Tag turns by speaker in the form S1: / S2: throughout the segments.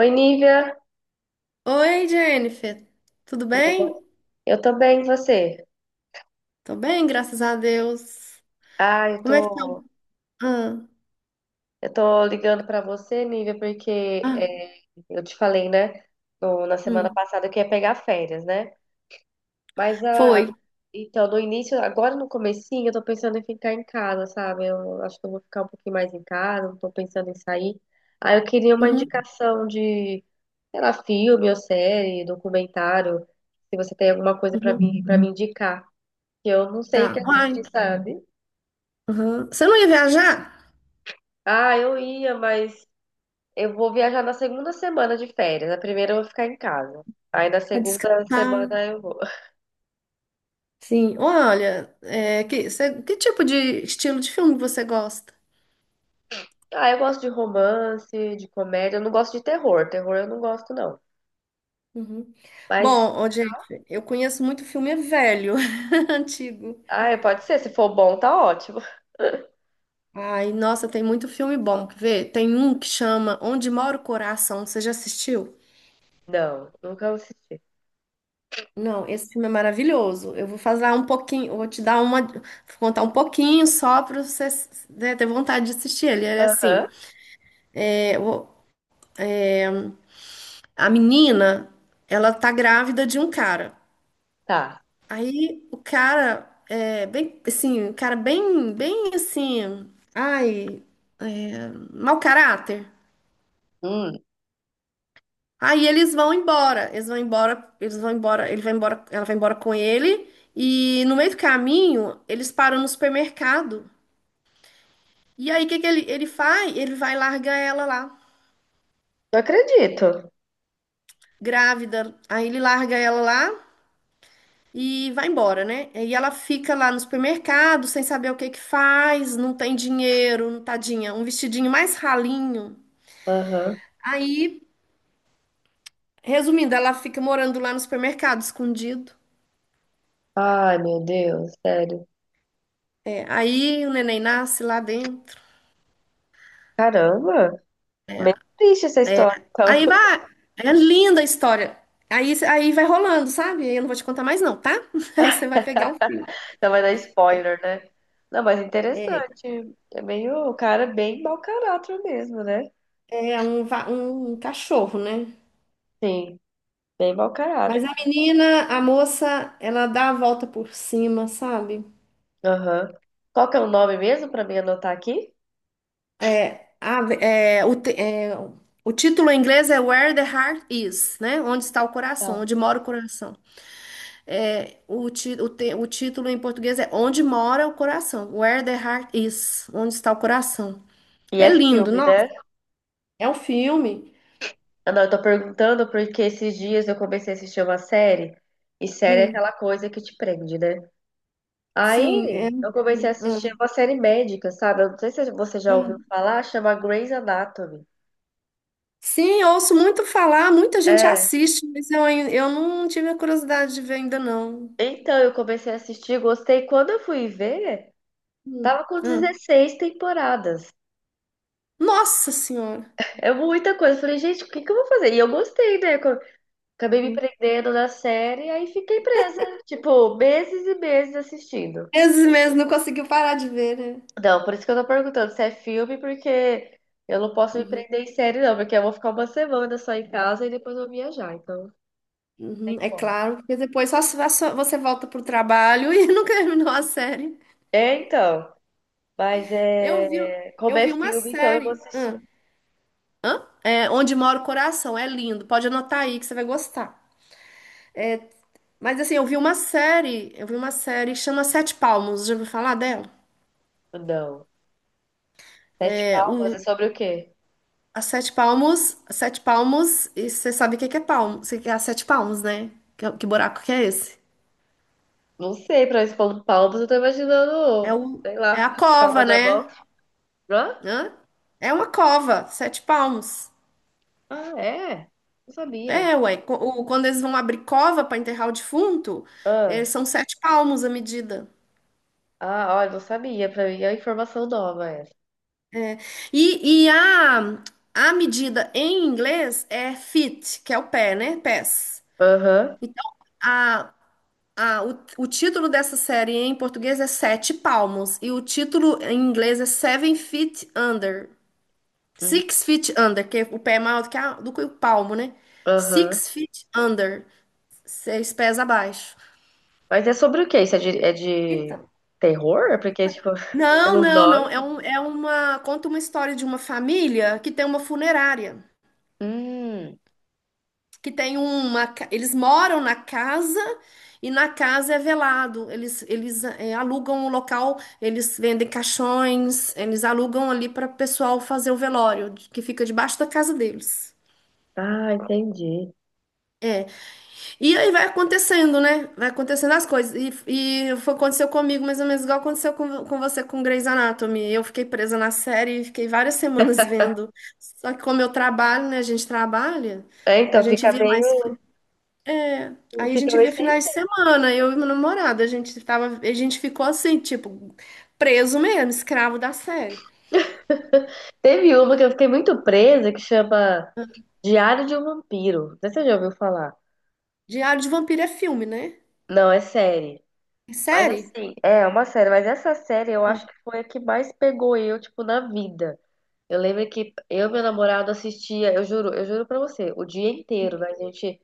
S1: Oi, Nívia,
S2: Oi, Jennifer. Tudo
S1: tudo
S2: bem?
S1: bom? Eu tô bem, e você?
S2: Tô bem, graças a Deus.
S1: Ah,
S2: Como é que tá? Ah,
S1: eu tô ligando pra você, Nívia, porque
S2: ah,
S1: é, eu te falei, né, na semana
S2: hum.
S1: passada que ia pegar férias, né? Mas a,
S2: Foi.
S1: então, no início, agora no comecinho, eu tô pensando em ficar em casa, sabe? Eu acho que eu vou ficar um pouquinho mais em casa, não tô pensando em sair. Aí eu queria uma
S2: Uhum,
S1: indicação de, sei lá, filme ou série, documentário, se você tem alguma coisa pra
S2: uhum.
S1: mim, para me indicar, que eu não sei o que
S2: Tá. Uai.
S1: assistir, sabe?
S2: Uhum. Você não ia viajar?
S1: Ah, eu ia, mas eu vou viajar na segunda semana de férias. Na primeira eu vou ficar em casa. Aí na
S2: Pra
S1: segunda
S2: descansar.
S1: semana eu vou.
S2: Sim. Olha, que tipo de estilo de filme você gosta?
S1: Ah, eu gosto de romance, de comédia. Eu não gosto de terror. Terror eu não gosto, não.
S2: Uhum.
S1: Mas,
S2: Bom, ô, Jennifer, eu conheço muito filme velho, antigo.
S1: ah, pode ser. Se for bom, tá ótimo.
S2: Ai, nossa, tem muito filme bom. Quer ver? Tem um que chama Onde Mora o Coração. Você já assistiu?
S1: Não, nunca assisti.
S2: Não, esse filme é maravilhoso. Eu vou fazer um pouquinho, vou te dar uma, vou contar um pouquinho só para você, né, ter vontade de assistir ele. Ele é assim,
S1: Aham,
S2: é, o- a menina, ela tá grávida de um cara.
S1: tá.
S2: Aí o cara é bem, assim, um cara bem, bem assim, ai, é, mau caráter.
S1: Hum,
S2: Aí eles vão embora, eles vão embora, eles vão embora, ele vai embora, ela vai embora com ele. E no meio do caminho, eles param no supermercado. E aí, o que que ele faz? Ele vai largar ela lá,
S1: não acredito.
S2: grávida. Aí ele larga ela lá e vai embora, né? E ela fica lá no supermercado, sem saber o que que faz, não tem dinheiro, não tadinha, um vestidinho mais ralinho.
S1: Aham.
S2: Aí, resumindo, ela fica morando lá no supermercado, escondido.
S1: Ai, meu Deus, sério.
S2: É, aí o neném nasce lá dentro.
S1: Caramba, bem triste essa história, então.
S2: Aí vai, é linda a história. Aí vai rolando, sabe? Aí eu não vou te contar mais não, tá? Aí você vai pegar o fio.
S1: Então vai dar spoiler, né? Não, mas interessante. É meio, o cara é bem mau caráter mesmo, né?
S2: É um, um cachorro, né?
S1: Sim, bem mau caráter.
S2: Mas a menina, a moça, ela dá a volta por cima, sabe?
S1: Aham. Qual que é o nome mesmo pra mim anotar aqui?
S2: É, a- é, o, te- é, o título em inglês é Where the Heart Is, né? Onde está o coração,
S1: Tá.
S2: onde mora o coração. É, o, ti, o, te- o título em português é Onde mora o coração. Where the Heart Is, onde está o coração.
S1: E
S2: É
S1: é
S2: lindo,
S1: filme,
S2: nossa.
S1: né?
S2: É um filme.
S1: Ah, não, eu tô perguntando porque esses dias eu comecei a assistir uma série, e série é
S2: Hum,
S1: aquela coisa que te prende, né?
S2: sim, é. é,
S1: Aí eu comecei a assistir
S2: hum,
S1: uma série médica, sabe? Eu não sei se você já ouviu
S2: hum.
S1: falar, chama Grey's Anatomy.
S2: Sim, eu ouço muito falar, muita gente
S1: É.
S2: assiste, mas eu não tive a curiosidade de ver ainda não.
S1: Então eu comecei a assistir, gostei. Quando eu fui ver.
S2: Hum.
S1: Tava com
S2: Ah.
S1: 16 temporadas.
S2: Nossa Senhora!
S1: É muita coisa. Eu falei, gente, o que que eu vou fazer? E eu gostei, né? Acabei me
S2: Uhum.
S1: prendendo na série, aí fiquei presa. Tipo, meses e meses assistindo.
S2: 13 meses não conseguiu parar de ver, né?
S1: Não, por isso que eu tô perguntando se é filme, porque eu não posso me
S2: Uhum,
S1: prender em série, não. Porque eu vou ficar uma semana só em casa e depois vou viajar. Então, não
S2: uhum,
S1: tem
S2: é
S1: como.
S2: claro, porque depois só, só você volta pro trabalho e não terminou a série.
S1: É, então. Mas
S2: Eu vi,
S1: é. Como
S2: eu
S1: é
S2: vi uma
S1: filme, então eu vou
S2: série.
S1: assistir.
S2: Hã? Hã? É, Onde Mora o Coração, é lindo. Pode anotar aí que você vai gostar. Mas assim, eu vi uma série que chama Sete Palmos. Já ouviu falar dela?
S1: Não. Sete
S2: É,
S1: Palmas
S2: o,
S1: é sobre o quê?
S2: a Sete Palmos, e você sabe o que que é palmo? Você quer a Sete Palmos, né? Que buraco que é esse?
S1: Não sei, pra expor palmas, eu tô
S2: É,
S1: imaginando,
S2: um,
S1: sei
S2: é a
S1: lá, a
S2: cova,
S1: palma da mão.
S2: né?
S1: Hã?
S2: Hã? É uma cova, sete palmos.
S1: Ah, é? Não sabia.
S2: É, ué. Quando eles vão abrir cova para enterrar o defunto,
S1: Ah,
S2: são sete palmos a medida.
S1: ah, olha, não sabia. Pra mim é uma informação nova essa.
S2: E, e a, a medida em inglês é feet, que é o pé, né? Pés.
S1: Aham.
S2: Então, a, o título dessa série em português é Sete Palmos. E o título em inglês é Seven Feet Under.
S1: Hum,
S2: Six feet under, que é o pé é maior do que, do que o palmo, né?
S1: aham.
S2: Six feet under, seis pés abaixo.
S1: Mas é sobre o quê? Isso é de
S2: Então,
S1: terror? É porque, tipo,
S2: Não,
S1: pelo
S2: não, não.
S1: nome.
S2: É, um, é uma. Conta uma história de uma família que tem uma funerária.
S1: Hum.
S2: Que tem uma. Ca- Eles moram na casa e na casa é velado. Eles é, alugam o local, eles vendem caixões, eles alugam ali para o pessoal fazer o velório, que fica debaixo da casa deles.
S1: Ah, entendi.
S2: É. E aí vai acontecendo, né? Vai acontecendo as coisas. E aconteceu comigo mais ou menos igual aconteceu com você com Grey's Anatomy. Eu fiquei presa na série e fiquei várias semanas vendo. Só que como eu trabalho, né? A gente trabalha,
S1: É,
S2: a
S1: então
S2: gente
S1: fica
S2: via mais.
S1: meio.
S2: É, aí a
S1: Fica
S2: gente
S1: meio
S2: via
S1: sem.
S2: finais de semana, eu e meu namorado. A gente ficou assim, tipo, preso mesmo, escravo da série.
S1: Teve uma que eu fiquei muito presa que chama Diário de um Vampiro. Não sei se você já ouviu falar.
S2: Diário de Vampiro é filme, né?
S1: Não, é série.
S2: É
S1: Mas
S2: série?
S1: assim, é uma série, mas essa série eu acho que foi a que mais pegou eu, tipo, na vida. Eu lembro que eu e meu namorado assistia, eu juro pra você, o dia inteiro, né? A gente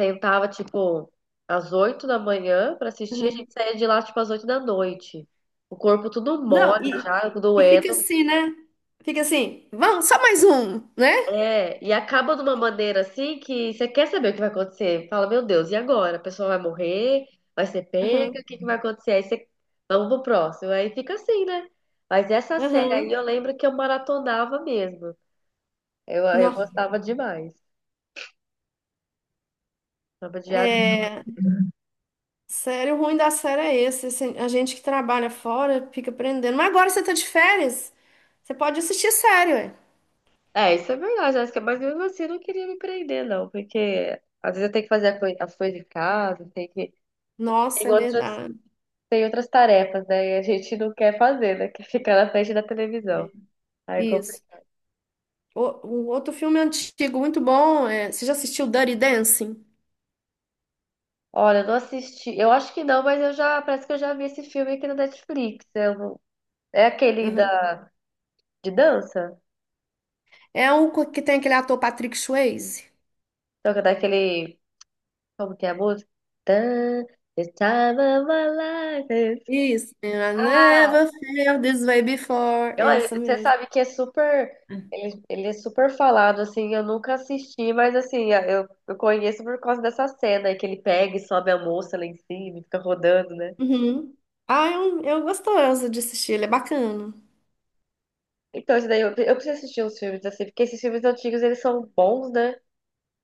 S1: sentava, tipo, às 8 da manhã pra assistir, a gente
S2: Ah.
S1: saía de lá, tipo, às oito da noite. O corpo tudo
S2: Não,
S1: mole
S2: e,
S1: já,
S2: e fica
S1: doendo.
S2: assim, né? Fica assim, vamos, só mais um, né?
S1: É, e acaba de uma maneira assim que você quer saber o que vai acontecer. Fala, meu Deus, e agora? A pessoa vai morrer? Vai ser pega?
S2: Aham,
S1: O que que vai acontecer? Aí você, vamos pro próximo. Aí fica assim, né? Mas essa série aí
S2: aham.
S1: eu lembro que eu maratonava mesmo. Eu
S2: Nó.
S1: gostava demais. Tava diário de...
S2: É, sério, o ruim da série é esse, assim, a gente que trabalha fora fica aprendendo. Mas agora você tá de férias, você pode assistir sério, ué.
S1: É, isso é verdade, Jéssica, mas mesmo assim eu não queria me prender, não, porque às vezes eu tenho que fazer a as coisas de casa, tem que... Tem
S2: Nossa, é
S1: outras,
S2: verdade.
S1: tem outras tarefas, né? E a gente não quer fazer, né? Quer ficar na frente da televisão. Aí,
S2: Isso. O outro filme antigo, muito bom, é, você já assistiu Dirty Dancing?
S1: olha, eu não assisti. Eu acho que não, mas eu já parece que eu já vi esse filme aqui na Netflix. Eu não- É aquele
S2: Aham.
S1: da de dança?
S2: É um que tem aquele ator Patrick Swayze.
S1: Então, que é daquele. Como que é a música? Tan, this time of my life is-
S2: Isso. And I
S1: Ah,
S2: never felt this way before. É
S1: olha,
S2: essa
S1: você
S2: mesmo.
S1: sabe que é super. Ele é super falado, assim. Eu nunca assisti, mas assim, eu conheço por causa dessa cena aí que ele pega e sobe a moça lá em cima e fica rodando, né?
S2: Uhum. Ah, eu gostoso de assistir, ele é bacana.
S1: Então, isso daí eu preciso assistir uns filmes assim, porque esses filmes antigos eles são bons, né?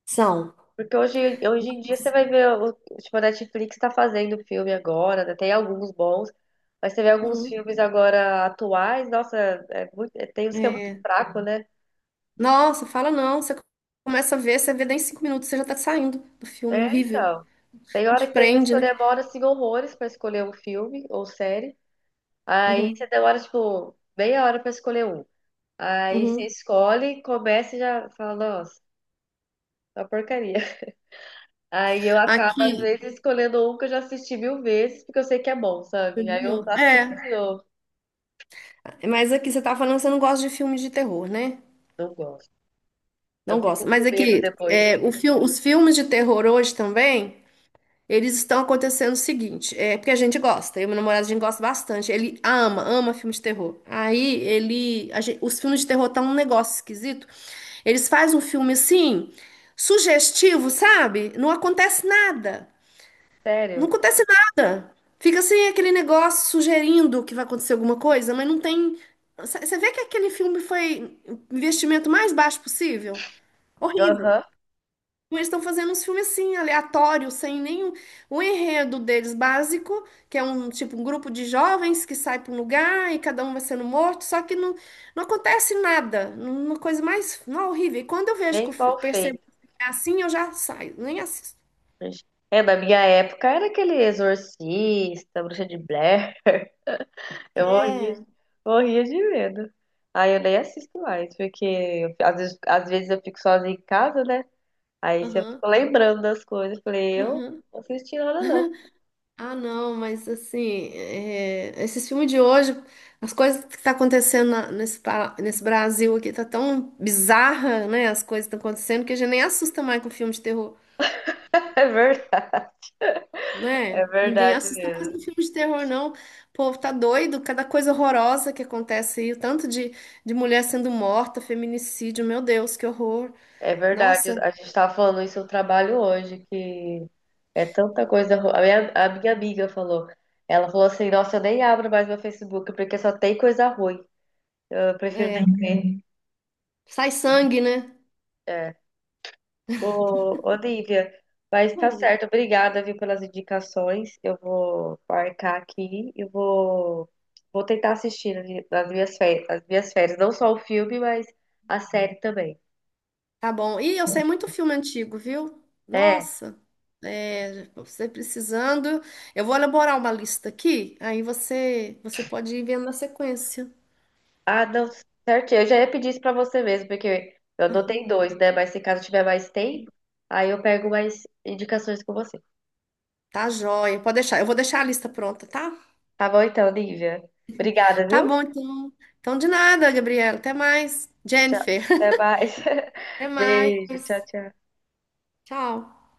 S2: São.
S1: Porque hoje em dia você
S2: Nossa.
S1: vai ver, o, tipo, a Netflix tá fazendo filme agora, né? Tem alguns bons, mas você vê alguns
S2: Uhum.
S1: filmes agora atuais, nossa, é muito, tem uns que é muito
S2: É.
S1: fraco, né?
S2: Nossa, fala não. Você começa a ver, você vê daí em cinco minutos, você já tá saindo do filme, é
S1: É,
S2: horrível.
S1: então. Tem hora
S2: A
S1: que tem vezes
S2: prende,
S1: que eu
S2: né?
S1: demoro, assim, horrores pra escolher um filme ou série. Aí você
S2: Uhum.
S1: demora, tipo, meia hora pra escolher um. Aí você
S2: Uhum.
S1: escolhe, começa e já fala, nossa, é uma porcaria. Aí eu acabo, às
S2: Aqui,
S1: vezes, escolhendo um que eu já assisti mil vezes, porque eu sei que é bom,
S2: de
S1: sabe? Aí eu
S2: novo.
S1: assisto
S2: É,
S1: de novo.
S2: mas aqui você tá falando que você não gosta de filme de terror, né?
S1: Não gosto. Eu
S2: Não
S1: fico
S2: gosta.
S1: com
S2: Mas
S1: medo
S2: aqui,
S1: depois.
S2: é, os filmes de terror hoje também. Eles estão acontecendo o seguinte, é porque a gente gosta, eu e meu namorado a gente gosta bastante. Ele ama, ama filme de terror. Aí ele, a gen- os filmes de terror estão um negócio esquisito. Eles fazem um filme assim, sugestivo, sabe? Não acontece nada. Não
S1: Sério?
S2: acontece nada. Fica assim aquele negócio sugerindo que vai acontecer alguma coisa, mas não tem. Você vê que aquele filme foi investimento mais baixo possível? Horrível.
S1: Aham,
S2: Mas estão fazendo uns filmes assim, aleatórios, sem nenhum. O enredo deles básico, que é um tipo um grupo de jovens que sai para um lugar e cada um vai sendo morto, só que não acontece nada. Uma coisa mais não, horrível. E quando eu vejo que
S1: bem mal
S2: percebo
S1: feito.
S2: que é assim, eu já saio, nem assisto.
S1: É, na minha época era aquele Exorcista, Bruxa de Blair. Eu morria,
S2: É.
S1: morria de medo. Aí eu nem assisto mais, porque eu às vezes eu fico sozinha em casa, né? Aí se eu
S2: Aham.
S1: fica lembrando das coisas. Eu falei, eu
S2: Aham.
S1: não assisti nada, não.
S2: Ah, não, mas assim, é, esses filmes de hoje, as coisas que tá acontecendo nesse, nesse Brasil aqui tá tão bizarra, né? As coisas estão acontecendo que a gente nem assusta mais com filme de terror,
S1: É
S2: né? Ninguém
S1: verdade
S2: assusta mais
S1: mesmo.
S2: com filme de terror, não. O povo tá doido, cada coisa horrorosa que acontece aí, o tanto de mulher sendo morta, feminicídio, meu Deus, que horror.
S1: É verdade,
S2: Nossa,
S1: a gente estava falando isso no trabalho hoje, que é tanta coisa. A minha amiga falou, ela falou assim, nossa, eu nem abro mais meu Facebook porque só tem coisa ruim. Eu prefiro nem
S2: é,
S1: ver.
S2: sai sangue, né?
S1: É. Ô, ô, Nívia, mas tá
S2: Ui.
S1: certo, obrigada, viu, pelas indicações. Eu vou marcar aqui e vou, vou tentar assistir nas minhas férias, não só o filme, mas a série também.
S2: Tá bom. Ih, eu sei muito filme antigo, viu?
S1: É.
S2: Nossa, é, você precisando. Eu vou elaborar uma lista aqui, aí você pode ir vendo na sequência.
S1: Ah, não, certinho. Eu já ia pedir isso pra você mesmo, porque eu anotei dois, né? Mas se caso tiver mais tempo, aí eu pego mais indicações com você.
S2: Tá joia, pode deixar. Eu vou deixar a lista pronta, tá?
S1: Tá bom então, Nívia. Obrigada,
S2: Tá
S1: viu?
S2: bom, então. Então, de nada, Gabriela. Até mais.
S1: Tchau.
S2: Jennifer,
S1: Até mais.
S2: até
S1: Beijo. Tchau,
S2: mais.
S1: tchau.
S2: Tchau.